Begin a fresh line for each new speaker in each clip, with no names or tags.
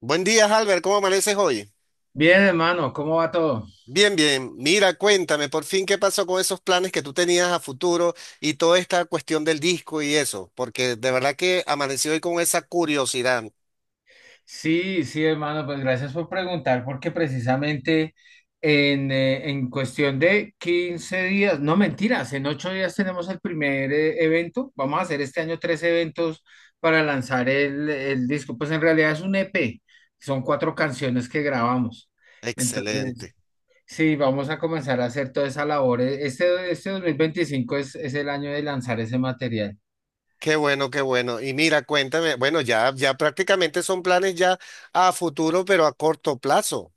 Buen día, Albert. ¿Cómo amaneces hoy?
Bien, hermano, ¿cómo va todo?
Bien, bien. Mira, cuéntame por fin qué pasó con esos planes que tú tenías a futuro y toda esta cuestión del disco y eso, porque de verdad que amanecí hoy con esa curiosidad.
Sí, sí, hermano, pues gracias por preguntar, porque precisamente en cuestión de 15 días, no mentiras, en 8 días tenemos el primer evento. Vamos a hacer este año tres eventos para lanzar el disco. Pues en realidad es un EP, son cuatro canciones que grabamos. Entonces,
Excelente.
sí, vamos a comenzar a hacer toda esa labor. Este 2025 es el año de lanzar ese material.
Qué bueno, qué bueno. Y mira, cuéntame, bueno, ya prácticamente son planes ya a futuro, pero a corto plazo.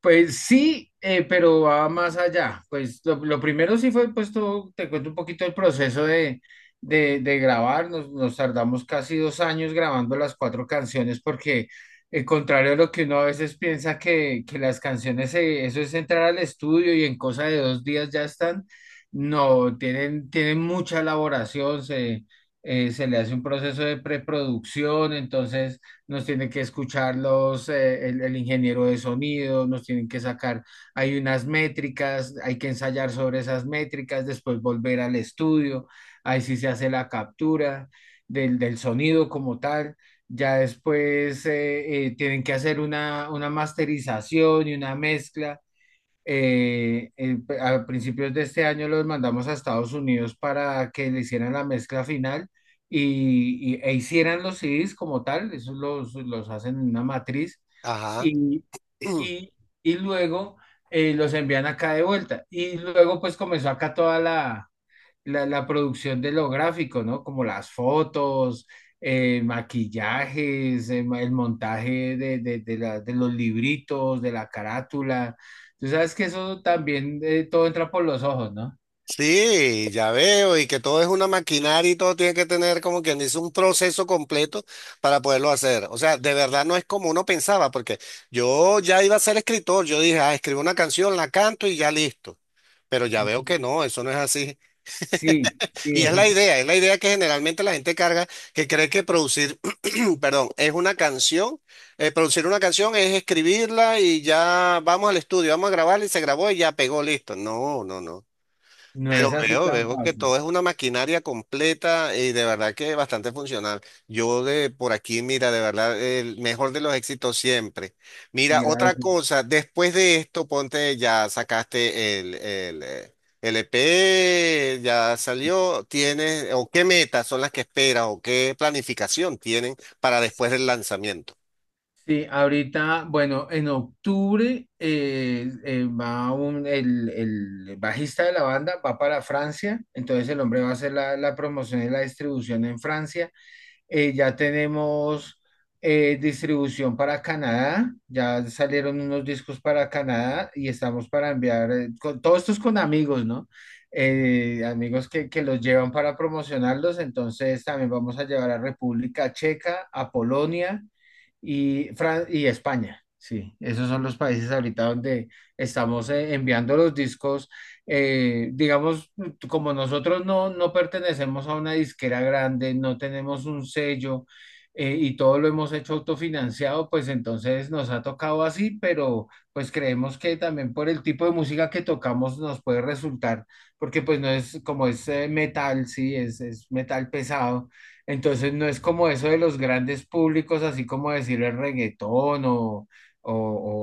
Pues sí, pero va más allá. Pues lo primero sí fue, pues te cuento un poquito el proceso de grabar. Nos tardamos casi 2 años grabando las cuatro canciones porque, contrario a lo que uno a veces piensa que las canciones, eso es entrar al estudio y en cosa de 2 días ya están. No, tienen mucha elaboración, se le hace un proceso de preproducción. Entonces nos tiene que escuchar el ingeniero de sonido, nos tienen que sacar, hay unas métricas, hay que ensayar sobre esas métricas, después volver al estudio. Ahí sí se hace la captura del sonido como tal. Ya después tienen que hacer una masterización y una mezcla a principios de este año los mandamos a Estados Unidos para que le hicieran la mezcla final e hicieran los CDs como tal. Esos los hacen en una matriz
Ajá.
y, y, y luego los envían acá de vuelta. Y luego pues comenzó acá toda la la producción de lo gráfico, ¿no? Como las fotos, maquillajes, el montaje de los libritos, de la carátula. Tú sabes que eso también, todo entra por los ojos, ¿no?
Sí, ya veo, y que todo es una maquinaria y todo tiene que tener como quien dice un proceso completo para poderlo hacer. O sea, de verdad no es como uno pensaba, porque yo ya iba a ser escritor, yo dije, ah, escribo una canción, la canto y ya listo. Pero ya veo que no, eso no es así.
Sí, sí,
Y es la idea que generalmente la gente carga, que cree que producir, perdón, es una canción, producir una canción es escribirla y ya vamos al estudio, vamos a grabarla y se grabó y ya pegó, listo. No, no, no.
no
Pero
es así
veo,
tan
veo que
fácil.
todo es una maquinaria completa y de verdad que bastante funcional. Yo de por aquí, mira, de verdad, el mejor de los éxitos siempre. Mira, otra
Gracias.
cosa, después de esto, ponte, ya sacaste el EP, ya salió, tienes, o qué metas son las que esperas, o qué planificación tienen para después del lanzamiento.
Sí, ahorita, bueno, en octubre, va un, el bajista de la banda va para Francia. Entonces el hombre va a hacer la promoción y la distribución en Francia. Ya tenemos distribución para Canadá, ya salieron unos discos para Canadá y estamos para enviar, todo esto es con amigos, ¿no? Amigos que los llevan para promocionarlos. Entonces también vamos a llevar a República Checa, a Polonia y España. Sí, esos son los países ahorita donde estamos enviando los discos. Digamos, como nosotros no, pertenecemos a una disquera grande, no tenemos un sello, y todo lo hemos hecho autofinanciado. Pues entonces nos ha tocado así, pero pues creemos que también por el tipo de música que tocamos nos puede resultar, porque pues no es como es, metal. Sí, es metal pesado, entonces no es como eso de los grandes públicos, así como decir el reggaetón o,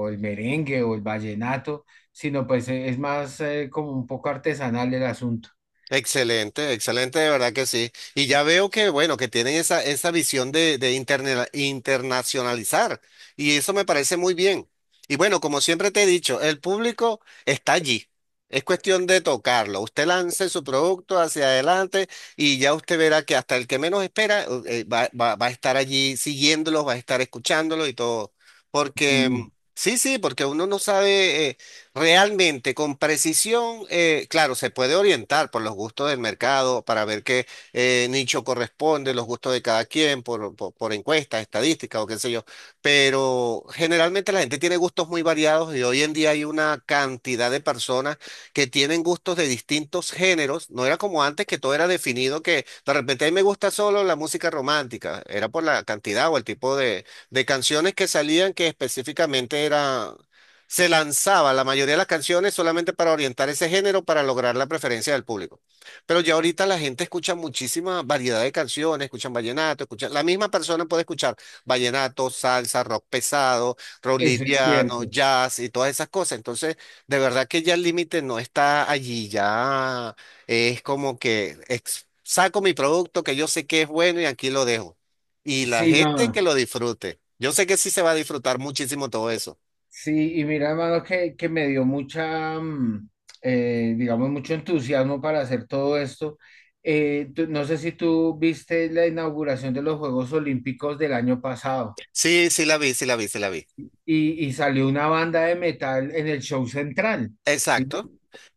o el merengue o el vallenato, sino pues, es más, como un poco artesanal el asunto.
Excelente, excelente, de verdad que sí. Y ya veo que, bueno, que tienen esa, esa visión de internacionalizar. Y eso me parece muy bien. Y bueno, como siempre te he dicho, el público está allí. Es cuestión de tocarlo. Usted lance su producto hacia adelante y ya usted verá que hasta el que menos espera va a estar allí siguiéndolos, va a estar escuchándolos y todo. Porque,
Sí,
sí, sí, porque uno no sabe. Realmente, con precisión, claro, se puede orientar por los gustos del mercado para ver qué nicho corresponde, los gustos de cada quien, por encuestas, estadísticas o qué sé yo, pero generalmente la gente tiene gustos muy variados y hoy en día hay una cantidad de personas que tienen gustos de distintos géneros. No era como antes que todo era definido, que de repente a mí me gusta solo la música romántica, era por la cantidad o el tipo de canciones que salían, que específicamente era se lanzaba la mayoría de las canciones solamente para orientar ese género, para lograr la preferencia del público. Pero ya ahorita la gente escucha muchísima variedad de canciones, escuchan vallenato, escuchan, la misma persona puede escuchar vallenato, salsa, rock pesado, rock
eso es
liviano,
cierto.
jazz y todas esas cosas. Entonces, de verdad que ya el límite no está allí, ya es como que saco mi producto que yo sé que es bueno y aquí lo dejo. Y la
Sí,
gente que
no,
lo disfrute. Yo sé que sí se va a disfrutar muchísimo todo eso.
sí, y mira, hermano, que me dio digamos, mucho entusiasmo para hacer todo esto. No sé si tú viste la inauguración de los Juegos Olímpicos del año pasado,
Sí, sí la vi, sí la vi, sí la vi.
y salió una banda de metal en el show central. ¿Sí?
Exacto.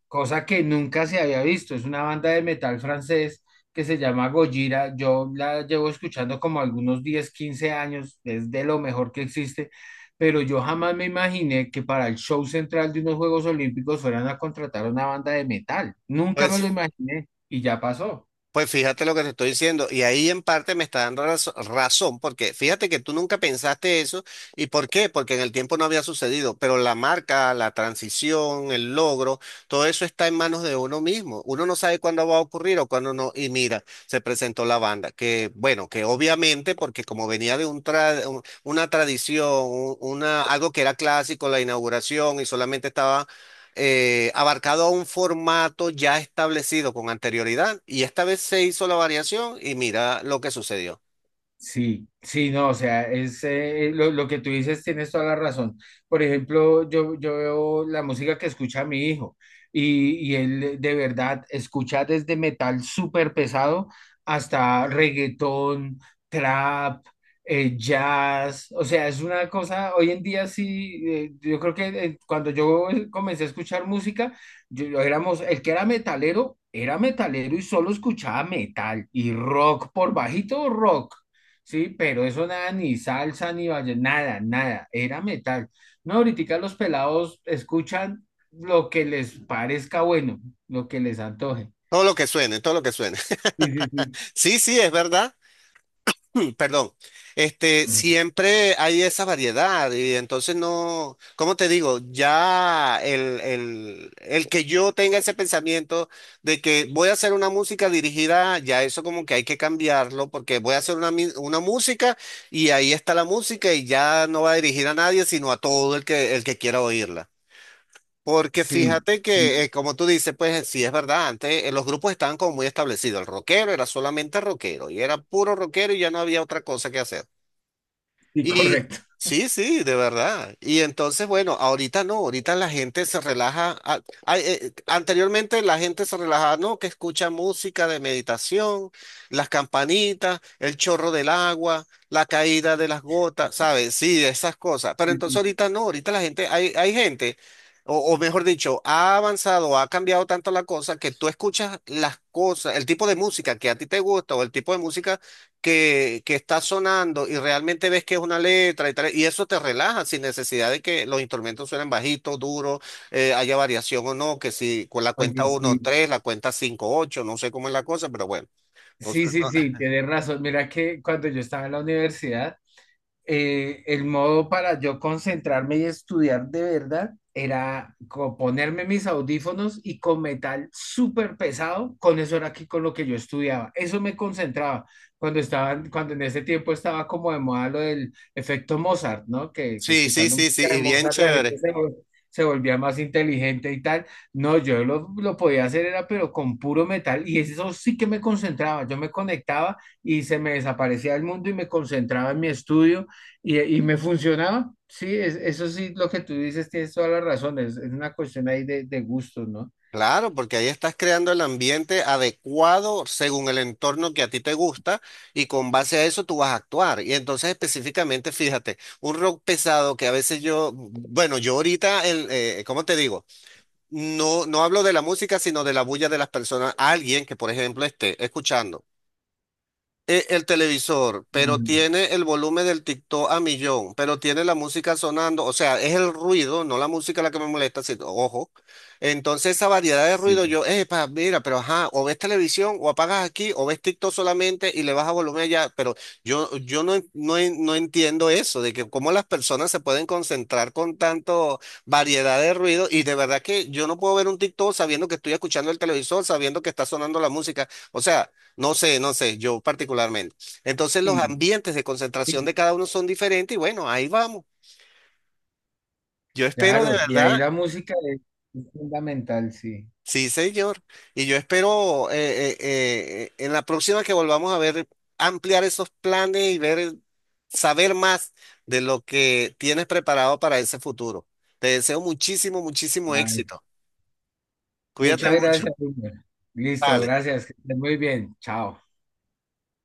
Cosa que nunca se había visto. Es una banda de metal francés que se llama Gojira. Yo la llevo escuchando como algunos 10-15 años, es de lo mejor que existe, pero yo jamás me imaginé que para el show central de unos Juegos Olímpicos fueran a contratar una banda de metal. Nunca me lo
Pues,
imaginé y ya pasó.
fíjate lo que te estoy diciendo. Y ahí en parte me está dando razón, porque fíjate que tú nunca pensaste eso. ¿Y por qué? Porque en el tiempo no había sucedido. Pero la marca, la transición, el logro, todo eso está en manos de uno mismo. Uno no sabe cuándo va a ocurrir o cuándo no. Y mira, se presentó la banda. Que bueno, que obviamente, porque como venía de una tradición, algo que era clásico, la inauguración, y solamente estaba abarcado a un formato ya establecido con anterioridad y esta vez se hizo la variación y mira lo que sucedió.
Sí, sí, no, o sea, es, lo que tú dices, tienes toda la razón. Por ejemplo, yo, veo la música que escucha mi hijo, y él de verdad escucha desde metal súper pesado hasta reggaetón, trap, jazz. O sea, es una cosa, hoy en día sí, yo creo que, cuando yo comencé a escuchar música, yo éramos, el que era metalero y solo escuchaba metal y rock, por bajito rock. Sí, pero eso nada, ni salsa, ni valle, nada, nada, era metal. No, ahorita los pelados escuchan lo que les parezca bueno, lo que les antoje.
Todo lo que suene, todo lo que suene.
Sí, sí, sí.
Sí, sí, es verdad. Perdón, este,
Mm.
siempre hay esa variedad y entonces no, ¿cómo te digo? Ya el que yo tenga ese pensamiento de que voy a hacer una música dirigida, ya eso como que hay que cambiarlo, porque voy a hacer una música y ahí está la música y ya no va a dirigir a nadie, sino a todo el que quiera oírla. Porque
Sí,
fíjate
sí,
que, como tú dices, pues sí es verdad, antes los grupos estaban como muy establecidos. El rockero era solamente rockero y era puro rockero y ya no había otra cosa que hacer.
sí,
Y
correcto.
sí, sí, de verdad. Y entonces, bueno, ahorita no, ahorita la gente se relaja. Anteriormente la gente se relajaba, no, que escucha música de meditación, las campanitas, el chorro del agua, la caída de las gotas, ¿sabes? Sí, esas cosas. Pero
Sí,
entonces
sí.
ahorita no, ahorita la gente, hay gente, o mejor dicho, ha avanzado, ha cambiado tanto la cosa que tú escuchas las cosas, el tipo de música que a ti te gusta o el tipo de música que está sonando y realmente ves que es una letra y tal, y eso te relaja sin necesidad de que los instrumentos suenen bajitos, duros, haya variación o no, que si con la
Oye,
cuenta uno
sí,
3 la cuenta 5 8 no sé cómo es la cosa, pero bueno. Entonces,
sí, sí, sí, tienes razón. Mira que cuando yo estaba en la universidad, el modo para yo concentrarme y estudiar de verdad era ponerme mis audífonos y con metal súper pesado. Con eso era aquí con lo que yo estudiaba. Eso me concentraba cuando en ese tiempo estaba como de moda lo del efecto Mozart, ¿no? Que
sí, sí,
escuchando
sí, sí,
música de
y bien
Mozart la gente
chévere.
se volvía más inteligente y tal. No, yo lo podía hacer era pero con puro metal, y eso sí que me concentraba. Yo me conectaba y se me desaparecía el mundo y me concentraba en mi estudio, y me funcionaba. Sí, eso sí, lo que tú dices, tienes toda la razón, es una cuestión ahí de gustos, ¿no?
Claro, porque ahí estás creando el ambiente adecuado según el entorno que a ti te gusta y con base a eso tú vas a actuar. Y entonces específicamente, fíjate, un rock pesado que a veces yo, bueno, yo ahorita, ¿cómo te digo? No, no hablo de la música, sino de la bulla de las personas. Alguien que, por ejemplo, esté escuchando el televisor, pero
Mm.
tiene el volumen del TikTok a millón, pero tiene la música sonando, o sea, es el ruido, no la música la que me molesta, sino, ojo. Entonces esa variedad de
Sí,
ruido, yo, pa, mira, pero ajá, o ves televisión, o apagas aquí, o ves TikTok solamente y le bajas volumen allá, pero yo no, no entiendo eso, de que cómo las personas se pueden concentrar con tanto variedad de ruido y de verdad que yo no puedo ver un TikTok sabiendo que estoy escuchando el televisor, sabiendo que está sonando la música. O sea. No sé, no sé, yo, particularmente. Entonces los
sí,
ambientes de concentración
sí,
de cada uno son diferentes y bueno, ahí vamos. Yo espero de
claro, y ahí
verdad,
la música es fundamental, sí.
sí, señor. Y yo espero en la próxima que volvamos a ver, ampliar esos planes y ver, saber más de lo que tienes preparado para ese futuro. Te deseo muchísimo, muchísimo
Ay,
éxito. Cuídate
muchas
mucho.
gracias, Wilmer. Listo,
Vale.
gracias, que estés muy bien, chao.